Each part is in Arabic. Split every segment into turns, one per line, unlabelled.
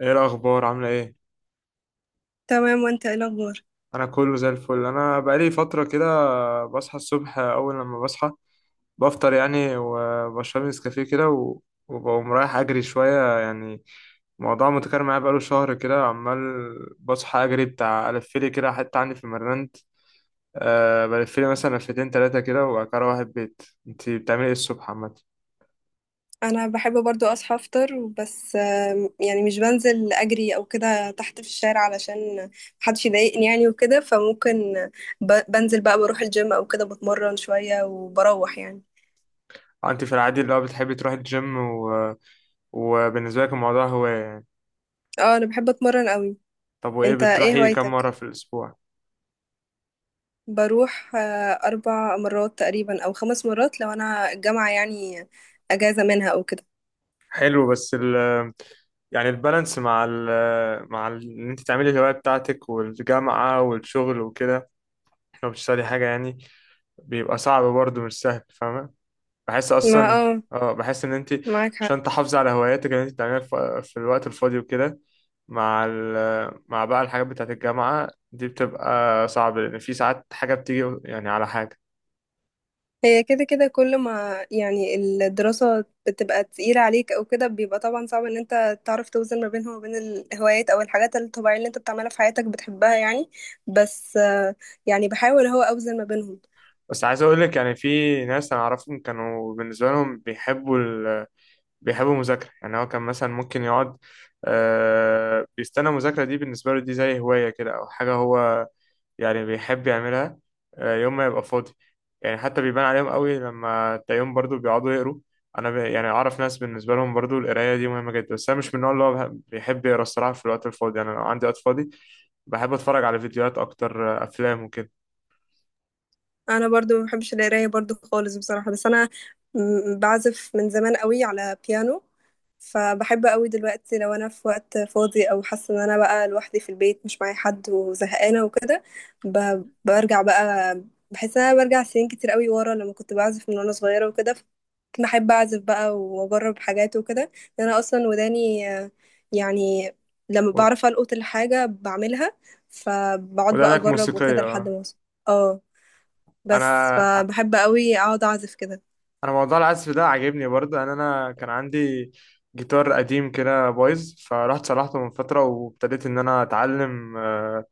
ايه الاخبار؟ عامله ايه؟
تمام، وانت ايه الاخبار؟
انا كله زي الفل. انا بقالي فتره كده بصحى الصبح، اول لما بصحى بفطر يعني، وبشرب لي نسكافيه كده وبقوم رايح اجري شويه يعني. الموضوع متكرر معايا بقاله شهر كده، عمال بصحى اجري بتاع الفلي كده، حتى عندي في المرند بلفلي مثلا لفتين تلاتة كده، وبعد كده اروح البيت. انت بتعملي ايه الصبح عامه؟
انا بحب برضو اصحى افطر بس يعني مش بنزل اجري او كده تحت في الشارع علشان محدش يضايقني يعني وكده، فممكن بنزل بقى بروح الجيم او كده بتمرن شوية وبروح يعني.
آه، انت في العادي اللي هو بتحبي تروحي الجيم. وبالنسبه لك الموضوع هوايه يعني؟
اه، انا بحب اتمرن قوي.
طب وايه،
انت ايه
بتروحي كم مره
هوايتك؟
في الاسبوع؟
بروح 4 مرات تقريبا او 5 مرات لو انا الجامعة يعني اجازة منها او كده.
حلو، بس يعني البالانس مع ان انت تعملي الهواية بتاعتك والجامعة والشغل وكده، لو بتشتغلي حاجة يعني، بيبقى صعب برضه، مش سهل، فاهمة؟ بحس
ما
اصلا،
اه
اه، بحس ان انت
معاك حق.
عشان تحافظي على هواياتك اللي انت بتعمليها في الوقت الفاضي وكده، مع ال مع بقى الحاجات بتاعت الجامعة دي بتبقى صعب، لأن في ساعات حاجة بتيجي يعني على حاجة.
هي كده كده كل ما يعني الدراسة بتبقى تقيلة عليك أو كده بيبقى طبعا صعب إن أنت تعرف توزن ما بينها وبين الهوايات أو الحاجات الطبيعية اللي أنت بتعملها في حياتك بتحبها يعني. بس آه، يعني بحاول هو أوزن ما بينهم.
بس عايز أقولك، يعني في ناس أنا أعرفهم كانوا بالنسبة لهم بيحب المذاكرة، يعني هو كان مثلا ممكن يقعد، بيستنى المذاكرة دي، بالنسبة له دي زي هواية كده أو حاجة هو يعني بيحب يعملها يوم ما يبقى فاضي، يعني حتى بيبان عليهم قوي لما تلاقيهم برضو بيقعدوا يقروا. أنا يعني أعرف ناس بالنسبة لهم برضو القراية دي مهمة جدا، بس أنا مش من النوع اللي هو بيحب يقرا الصراحة في الوقت الفاضي. يعني أنا لو عندي وقت فاضي بحب أتفرج على فيديوهات أكتر، أفلام وكده.
انا برضو ما بحبش القرايه برضو خالص بصراحه، بس انا بعزف من زمان قوي على بيانو. فبحب قوي دلوقتي لو انا في وقت فاضي او حاسه ان انا بقى لوحدي في البيت مش معايا حد وزهقانه وكده، برجع بقى. بحس ان انا برجع سنين كتير قوي ورا لما كنت بعزف من وانا صغيره وكده، كنت بحب اعزف بقى واجرب حاجات وكده، لأن انا اصلا وداني يعني لما
و-
بعرف القط الحاجه بعملها، فبقعد بقى
ودانك
اجرب وكده
موسيقية
لحد
آه.
ما اوصل. اه، بس
أنا
فبحب قوي اقعد اعزف كده.
انا موضوع العزف ده عاجبني برضه. انا كان عندي جيتار قديم كده بايظ، فرحت صلحته من فتره وابتديت ان انا اتعلم،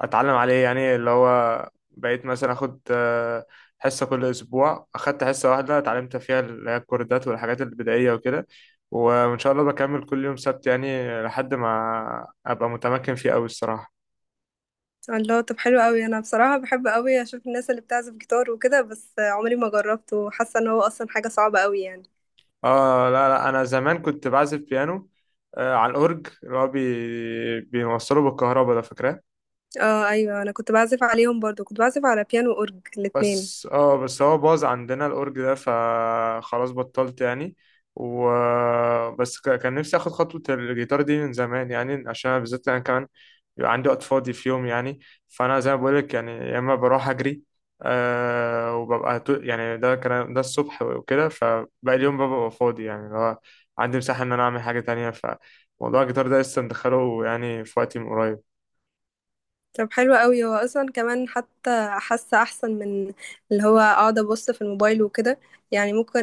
اتعلم عليه، يعني اللي هو بقيت مثلا اخد حصه كل اسبوع، اخدت حصه واحده اتعلمت فيها اللي هي الكوردات والحاجات البدائيه وكده، وان شاء الله بكمل كل يوم سبت يعني لحد ما ابقى متمكن فيه قوي الصراحه.
الله، طب حلو قوي. انا بصراحة بحب قوي اشوف الناس اللي بتعزف جيتار وكده، بس عمري ما جربت وحاسة ان هو اصلا حاجة صعبة قوي يعني.
اه لا لا، انا زمان كنت بعزف بيانو، على الاورج اللي هو بيوصله بالكهرباء ده، فاكراه؟
اه ايوه، انا كنت بعزف عليهم برضو، كنت بعزف على بيانو اورج الاتنين.
بس اه، بس هو باظ عندنا الأورج ده فخلاص بطلت يعني. و كان نفسي اخد خطوة الجيتار دي من زمان، يعني عشان بالذات انا كمان بيبقى عندي وقت فاضي في يوم يعني. فانا زي ما بقولك يعني يا اما بروح اجري، وببقى يعني ده كان ده الصبح وكده، فباقي اليوم ببقى فاضي يعني، اللي هو عندي مساحة ان انا اعمل حاجة تانية. فموضوع الجيتار ده لسه مدخله يعني في وقتي من قريب.
طب حلو قوي، هو اصلا كمان حتى حاسة احسن من اللي هو اقعد ابص في الموبايل وكده. يعني ممكن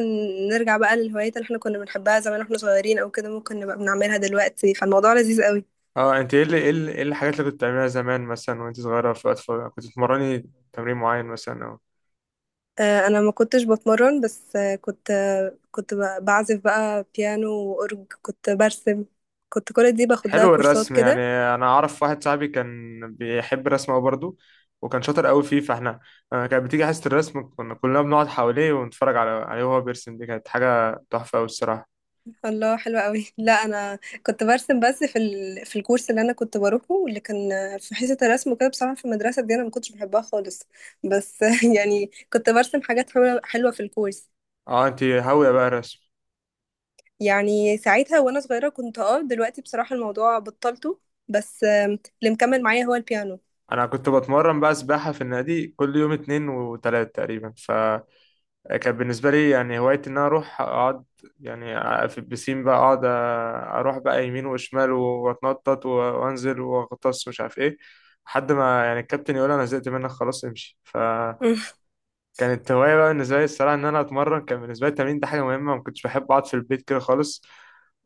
نرجع بقى للهوايات اللي احنا كنا بنحبها زمان واحنا صغيرين او كده، ممكن نبقى بنعملها دلوقتي فالموضوع لذيذ قوي.
اه، انت ايه اللي ايه اللي ايه الحاجات اللي كنت بتعمليها زمان مثلا وانت صغيرة في وقت فراغ؟ كنت بتمرني تمرين معين مثلا او...
انا ما كنتش بتمرن، بس كنت بعزف بقى بيانو واورج، كنت برسم، كنت كل دي باخد لها
حلو،
كورسات
الرسم يعني.
كده.
انا اعرف واحد صاحبي كان بيحب الرسم أوي برضه، وكان شاطر قوي فيه، فاحنا، كانت بتيجي حصة الرسم كنا كلنا بنقعد حواليه ونتفرج عليه وهو بيرسم. دي كانت حاجة تحفة قوي الصراحة.
الله حلوة قوي لا انا كنت برسم بس في الكورس اللي انا كنت بروحه اللي كان في حصة الرسم وكده. بصراحة في المدرسة دي انا ما كنتش بحبها خالص، بس يعني كنت برسم حاجات حلوة حلوة في الكورس.
اه، انت هاوية بقى الرسم.
يعني ساعتها وانا صغيرة كنت، دلوقتي بصراحة الموضوع بطلته. بس آه، اللي مكمل معايا هو البيانو.
انا كنت بتمرن بقى سباحة في النادي كل يوم اتنين وتلات تقريبا، كان بالنسبة لي يعني هوايتي إن أنا أروح أقعد يعني في البسين، بقى أقعد أروح بقى يمين وشمال وأتنطط وأنزل وأغطس مش عارف إيه، لحد ما يعني الكابتن يقول أنا زهقت منك خلاص امشي. ف كانت هواية بقى بالنسبة لي الصراحة إن أنا أتمرن. كان بالنسبة لي التمرين ده حاجة مهمة، ما كنتش بحب أقعد في البيت كده خالص.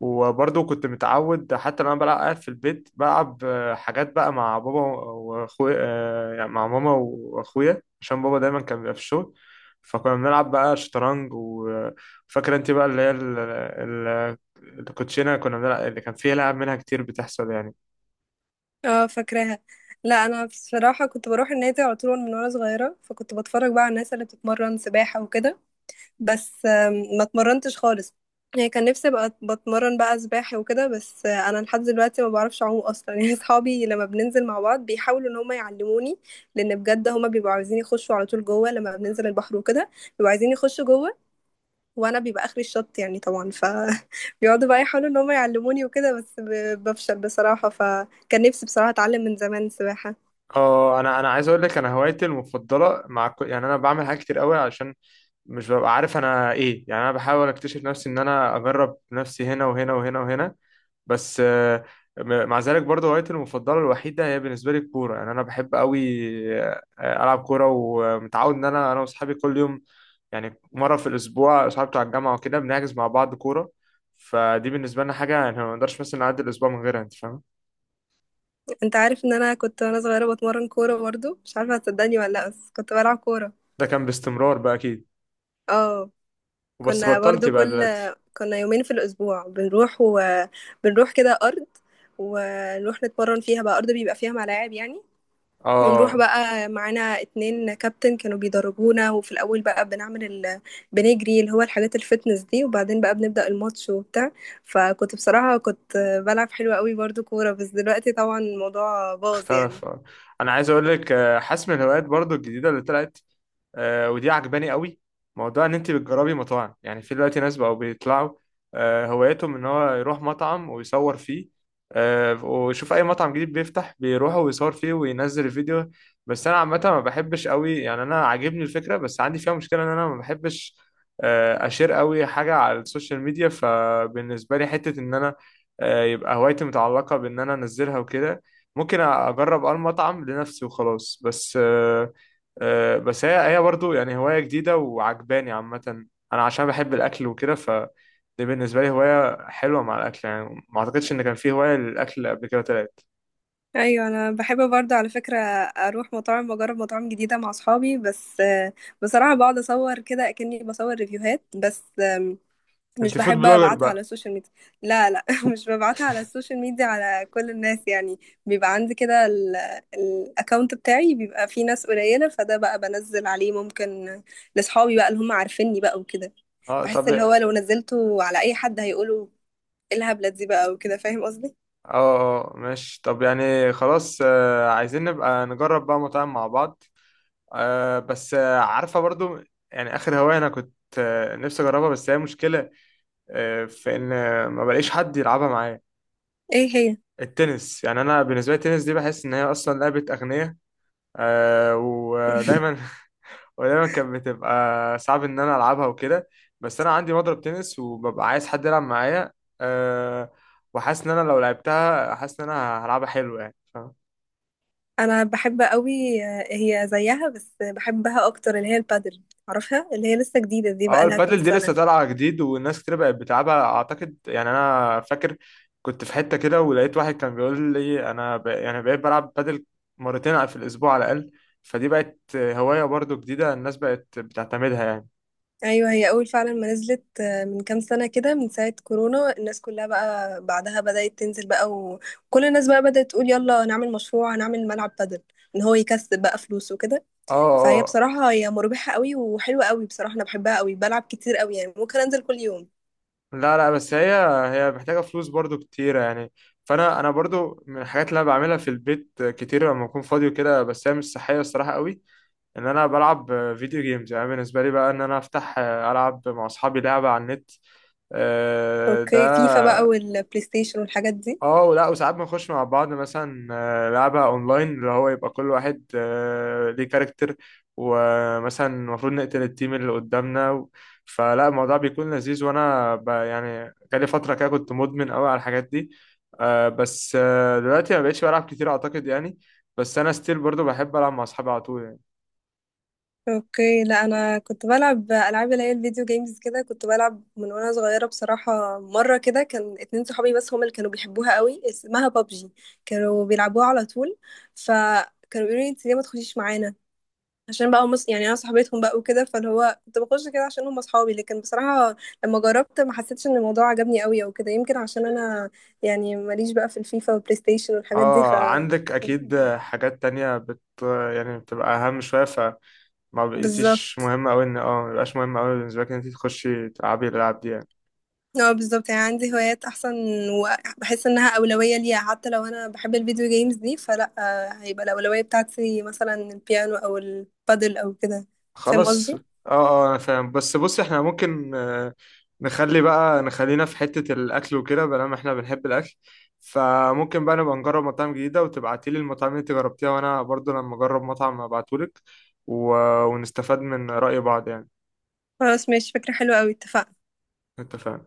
وبرضه كنت متعود حتى لما بلعب قاعد في البيت بلعب، حاجات بقى مع بابا وأخويا، يعني مع ماما وأخويا، عشان بابا دايما كان بيبقى في الشغل. فكنا بنلعب بقى شطرنج وفاكرة أنت بقى اللي هي الكوتشينة. كنا بنلعب اللي كان فيها لعب منها كتير بتحصل يعني.
اه، فاكراها. لا انا بصراحه كنت بروح النادي على طول من وانا صغيره، فكنت بتفرج بقى على الناس اللي بتتمرن سباحه وكده. بس آم، ما اتمرنتش خالص، يعني كان نفسي ابقى بتمرن بقى سباحه وكده. بس آه، انا لحد دلوقتي ما بعرفش اعوم اصلا يعني اصحابي لما بننزل مع بعض بيحاولوا ان هم يعلموني، لان بجد هم بيبقوا عايزين يخشوا على طول جوه لما بننزل البحر وكده، بيبقوا عايزين يخشوا جوه وانا بيبقى اخري الشط يعني طبعا، ف بيقعدوا بقى يحاولوا ان هم يعلموني وكده، بس بفشل بصراحة. فكان نفسي بصراحة اتعلم من زمان سباحة.
اه، انا عايز اقول لك، انا هوايتي المفضله مع كل، يعني انا بعمل حاجات كتير قوي عشان مش ببقى عارف انا ايه، يعني انا بحاول اكتشف نفسي، ان انا اجرب نفسي هنا وهنا وهنا وهنا. بس مع ذلك برضه هوايتي المفضله الوحيده هي بالنسبه لي الكوره. يعني انا بحب قوي، العب كوره، ومتعود ان انا واصحابي كل يوم، يعني مره في الاسبوع اصحابي بتوع الجامعه وكده بنحجز مع بعض كوره. فدي بالنسبه لنا حاجه يعني ما نقدرش مثلا نعدي الاسبوع من غيرها، انت فاهم؟
انت عارف ان انا كنت وانا صغيرة بتمرن كورة برضو؟ مش عارفة هتصدقني ولا لا، بس كنت بلعب كورة.
ده كان باستمرار بقى اكيد.
اه.
وبس
كنا
بطلت
برضو
بقى
كل
دلوقتي.
كنا يومين في الاسبوع بنروح بنروح كده ارض، ونروح نتمرن فيها بقى، ارض بيبقى فيها ملاعب يعني.
اه
ونروح
آه،
بقى معانا اتنين كابتن كانوا بيدربونا، وفي الأول بقى بنعمل بنجري اللي هو الحاجات الفتنس دي، وبعدين بقى بنبدأ الماتش وبتاع. فكنت بصراحة كنت بلعب حلو قوي برضو كورة، بس دلوقتي طبعا الموضوع باظ يعني.
اختلف. انا عايز اقول لك، حاسس من الهوايات برضو الجديده اللي طلعت، ودي عجباني قوي، موضوع ان انت بتجربي مطاعم. يعني في دلوقتي ناس بقوا بيطلعوا هوايتهم ان هو يروح مطعم ويصور فيه، ويشوف اي مطعم جديد بيفتح بيروح ويصور فيه وينزل فيديو. بس انا عامه ما بحبش قوي، يعني انا عاجبني الفكره بس عندي فيها مشكله، ان انا ما بحبش اشير قوي حاجه على السوشيال ميديا. فبالنسبه لي حته ان انا يبقى هوايتي متعلقه بان انا انزلها وكده، ممكن اجرب اه المطعم لنفسي وخلاص. بس آه، آه، بس هي برضو يعني هواية جديدة وعجباني عامة. أنا عشان بحب الأكل وكده، فدي بالنسبة لي هواية حلوة مع الأكل يعني، ما أعتقدش إن كان في هواية للأكل قبل كده طلعت.
ايوه انا بحب برضه على فكره اروح مطاعم واجرب مطاعم جديده مع اصحابي، بس آه، بصراحه بقعد اصور كده اكني بصور ريفيوهات، بس مش
أنت فود
بحب
بلوجر
ابعتها على
بقى.
السوشيال ميديا. لا لا مش ببعتها على السوشيال ميديا على كل الناس يعني. بيبقى عندي كده الاكونت بتاعي بيبقى فيه ناس قليلة، فده بقى بنزل عليه ممكن لاصحابي بقى اللي هم عارفيني بقى وكده.
أه
بحس
طب.
اللي هو
أه
لو نزلته على اي حد هيقولوا ايه الهبلة دي بقى وكده، فاهم قصدي.
أه ماشي. طب يعني خلاص، عايزين نبقى نجرب بقى مطاعم مع بعض. أه بس عارفة برضو، يعني آخر هواية أنا كنت نفسي أجربها، بس هي مشكلة في إن ما بلاقيش حد يلعبها معايا.
ايه هي؟
التنس. يعني أنا بالنسبة لي التنس دي بحس إن هي أصلا لعبة أغنياء. آه ودايما ودايما كانت بتبقى صعب ان انا العبها وكده. بس انا عندي مضرب تنس وببقى عايز حد يلعب معايا، آه، وحاسس ان انا لو لعبتها، حاسس ان انا هلعبها حلو يعني، فاهم؟
انا بحب قوي. هي زيها بس بحبها اكتر اللي هي البادل، عارفها اللي هي لسه جديدة دي،
اه،
بقى لها كام
البادل دي
سنة.
لسه طالعه جديد والناس كتير بقت بتلعبها اعتقد يعني. انا فاكر كنت في حته كده ولقيت واحد كان بيقول لي انا يعني بقيت بلعب بادل مرتين في الاسبوع على الاقل. فدي بقت هوايه برضو جديده، الناس بقت بتعتمدها يعني.
ايوه، هي اول فعلا ما نزلت من كام سنه كده، من ساعه كورونا الناس كلها بقى بعدها بدات تنزل بقى، وكل الناس بقى بدات تقول يلا نعمل مشروع هنعمل ملعب بدل ان هو يكسب بقى فلوس وكده.
اه
فهي بصراحه هي مربحه قوي وحلوه قوي بصراحه، انا بحبها قوي، بلعب كتير قوي يعني، ممكن انزل كل يوم.
لا لا، بس هي، هي محتاجة فلوس برضو كتيرة يعني. فأنا برضو من الحاجات اللي أنا بعملها في البيت كتير لما أكون فاضي وكده، بس هي مش صحية الصراحة قوي، إن أنا بلعب فيديو جيمز. يعني بالنسبة لي بقى، إن أنا أفتح ألعب مع أصحابي لعبة على النت،
اوكي، فيفا بقى
ده،
والبلاي ستيشن والحاجات دي.
اه ولا، وساعات بنخش مع بعض مثلا لعبة اونلاين، اللي هو يبقى كل واحد ليه كاركتر، ومثلا المفروض نقتل التيم اللي قدامنا. فلا الموضوع بيكون لذيذ، وانا يعني جالي فترة كده كنت مدمن قوي على الحاجات دي. بس دلوقتي ما بقتش بلعب كتير اعتقد يعني. بس انا ستيل برضو بحب العب مع اصحابي على طول يعني.
اوكي. لا انا كنت بلعب العاب اللي هي الفيديو جيمز كده، كنت بلعب من وانا صغيره بصراحه. مره كده كان اتنين صحابي بس هما اللي كانوا بيحبوها قوي، اسمها بابجي، كانوا بيلعبوها على طول. فكانوا بيقولوا لي انت ليه ما تخشيش معانا، عشان بقى يعني انا صاحبتهم بقى وكده، فاللي هو كنت بخش كده عشان هم اصحابي. لكن بصراحه لما جربت ما حسيتش ان الموضوع عجبني قوي او كده، يمكن عشان انا يعني ماليش بقى في الفيفا والبلاي ستيشن والحاجات دي، ف
اه، عندك اكيد حاجات تانية يعني بتبقى اهم شوية. ما بقيتيش
بالظبط.
مهم أوي إن اه ما بقاش مهم أوي بالنسبة لك إن أنت تخشي تلعبي الألعاب دي يعني.
اه بالظبط، يعني عندي هوايات احسن، وبحس انها اولويه ليا، حتى لو انا بحب الفيديو جيمز دي فلا، هيبقى الاولويه بتاعتي مثلا البيانو او البادل او كده، فاهم
خلاص.
قصدي.
اه، اه أنا فاهم. بس بصي، احنا ممكن نخلي نخلينا في حتة الأكل وكده، بلا ما احنا بنحب الأكل. فممكن بقى نبقى نجرب مطاعم جديدة، وتبعتيلي المطاعم اللي انت جربتيها، وأنا برضو لما أجرب مطعم أبعتهولك و... ونستفاد من رأي بعض يعني.
خلاص ماشي، فكره حلوه قوي، اتفقنا.
اتفقنا.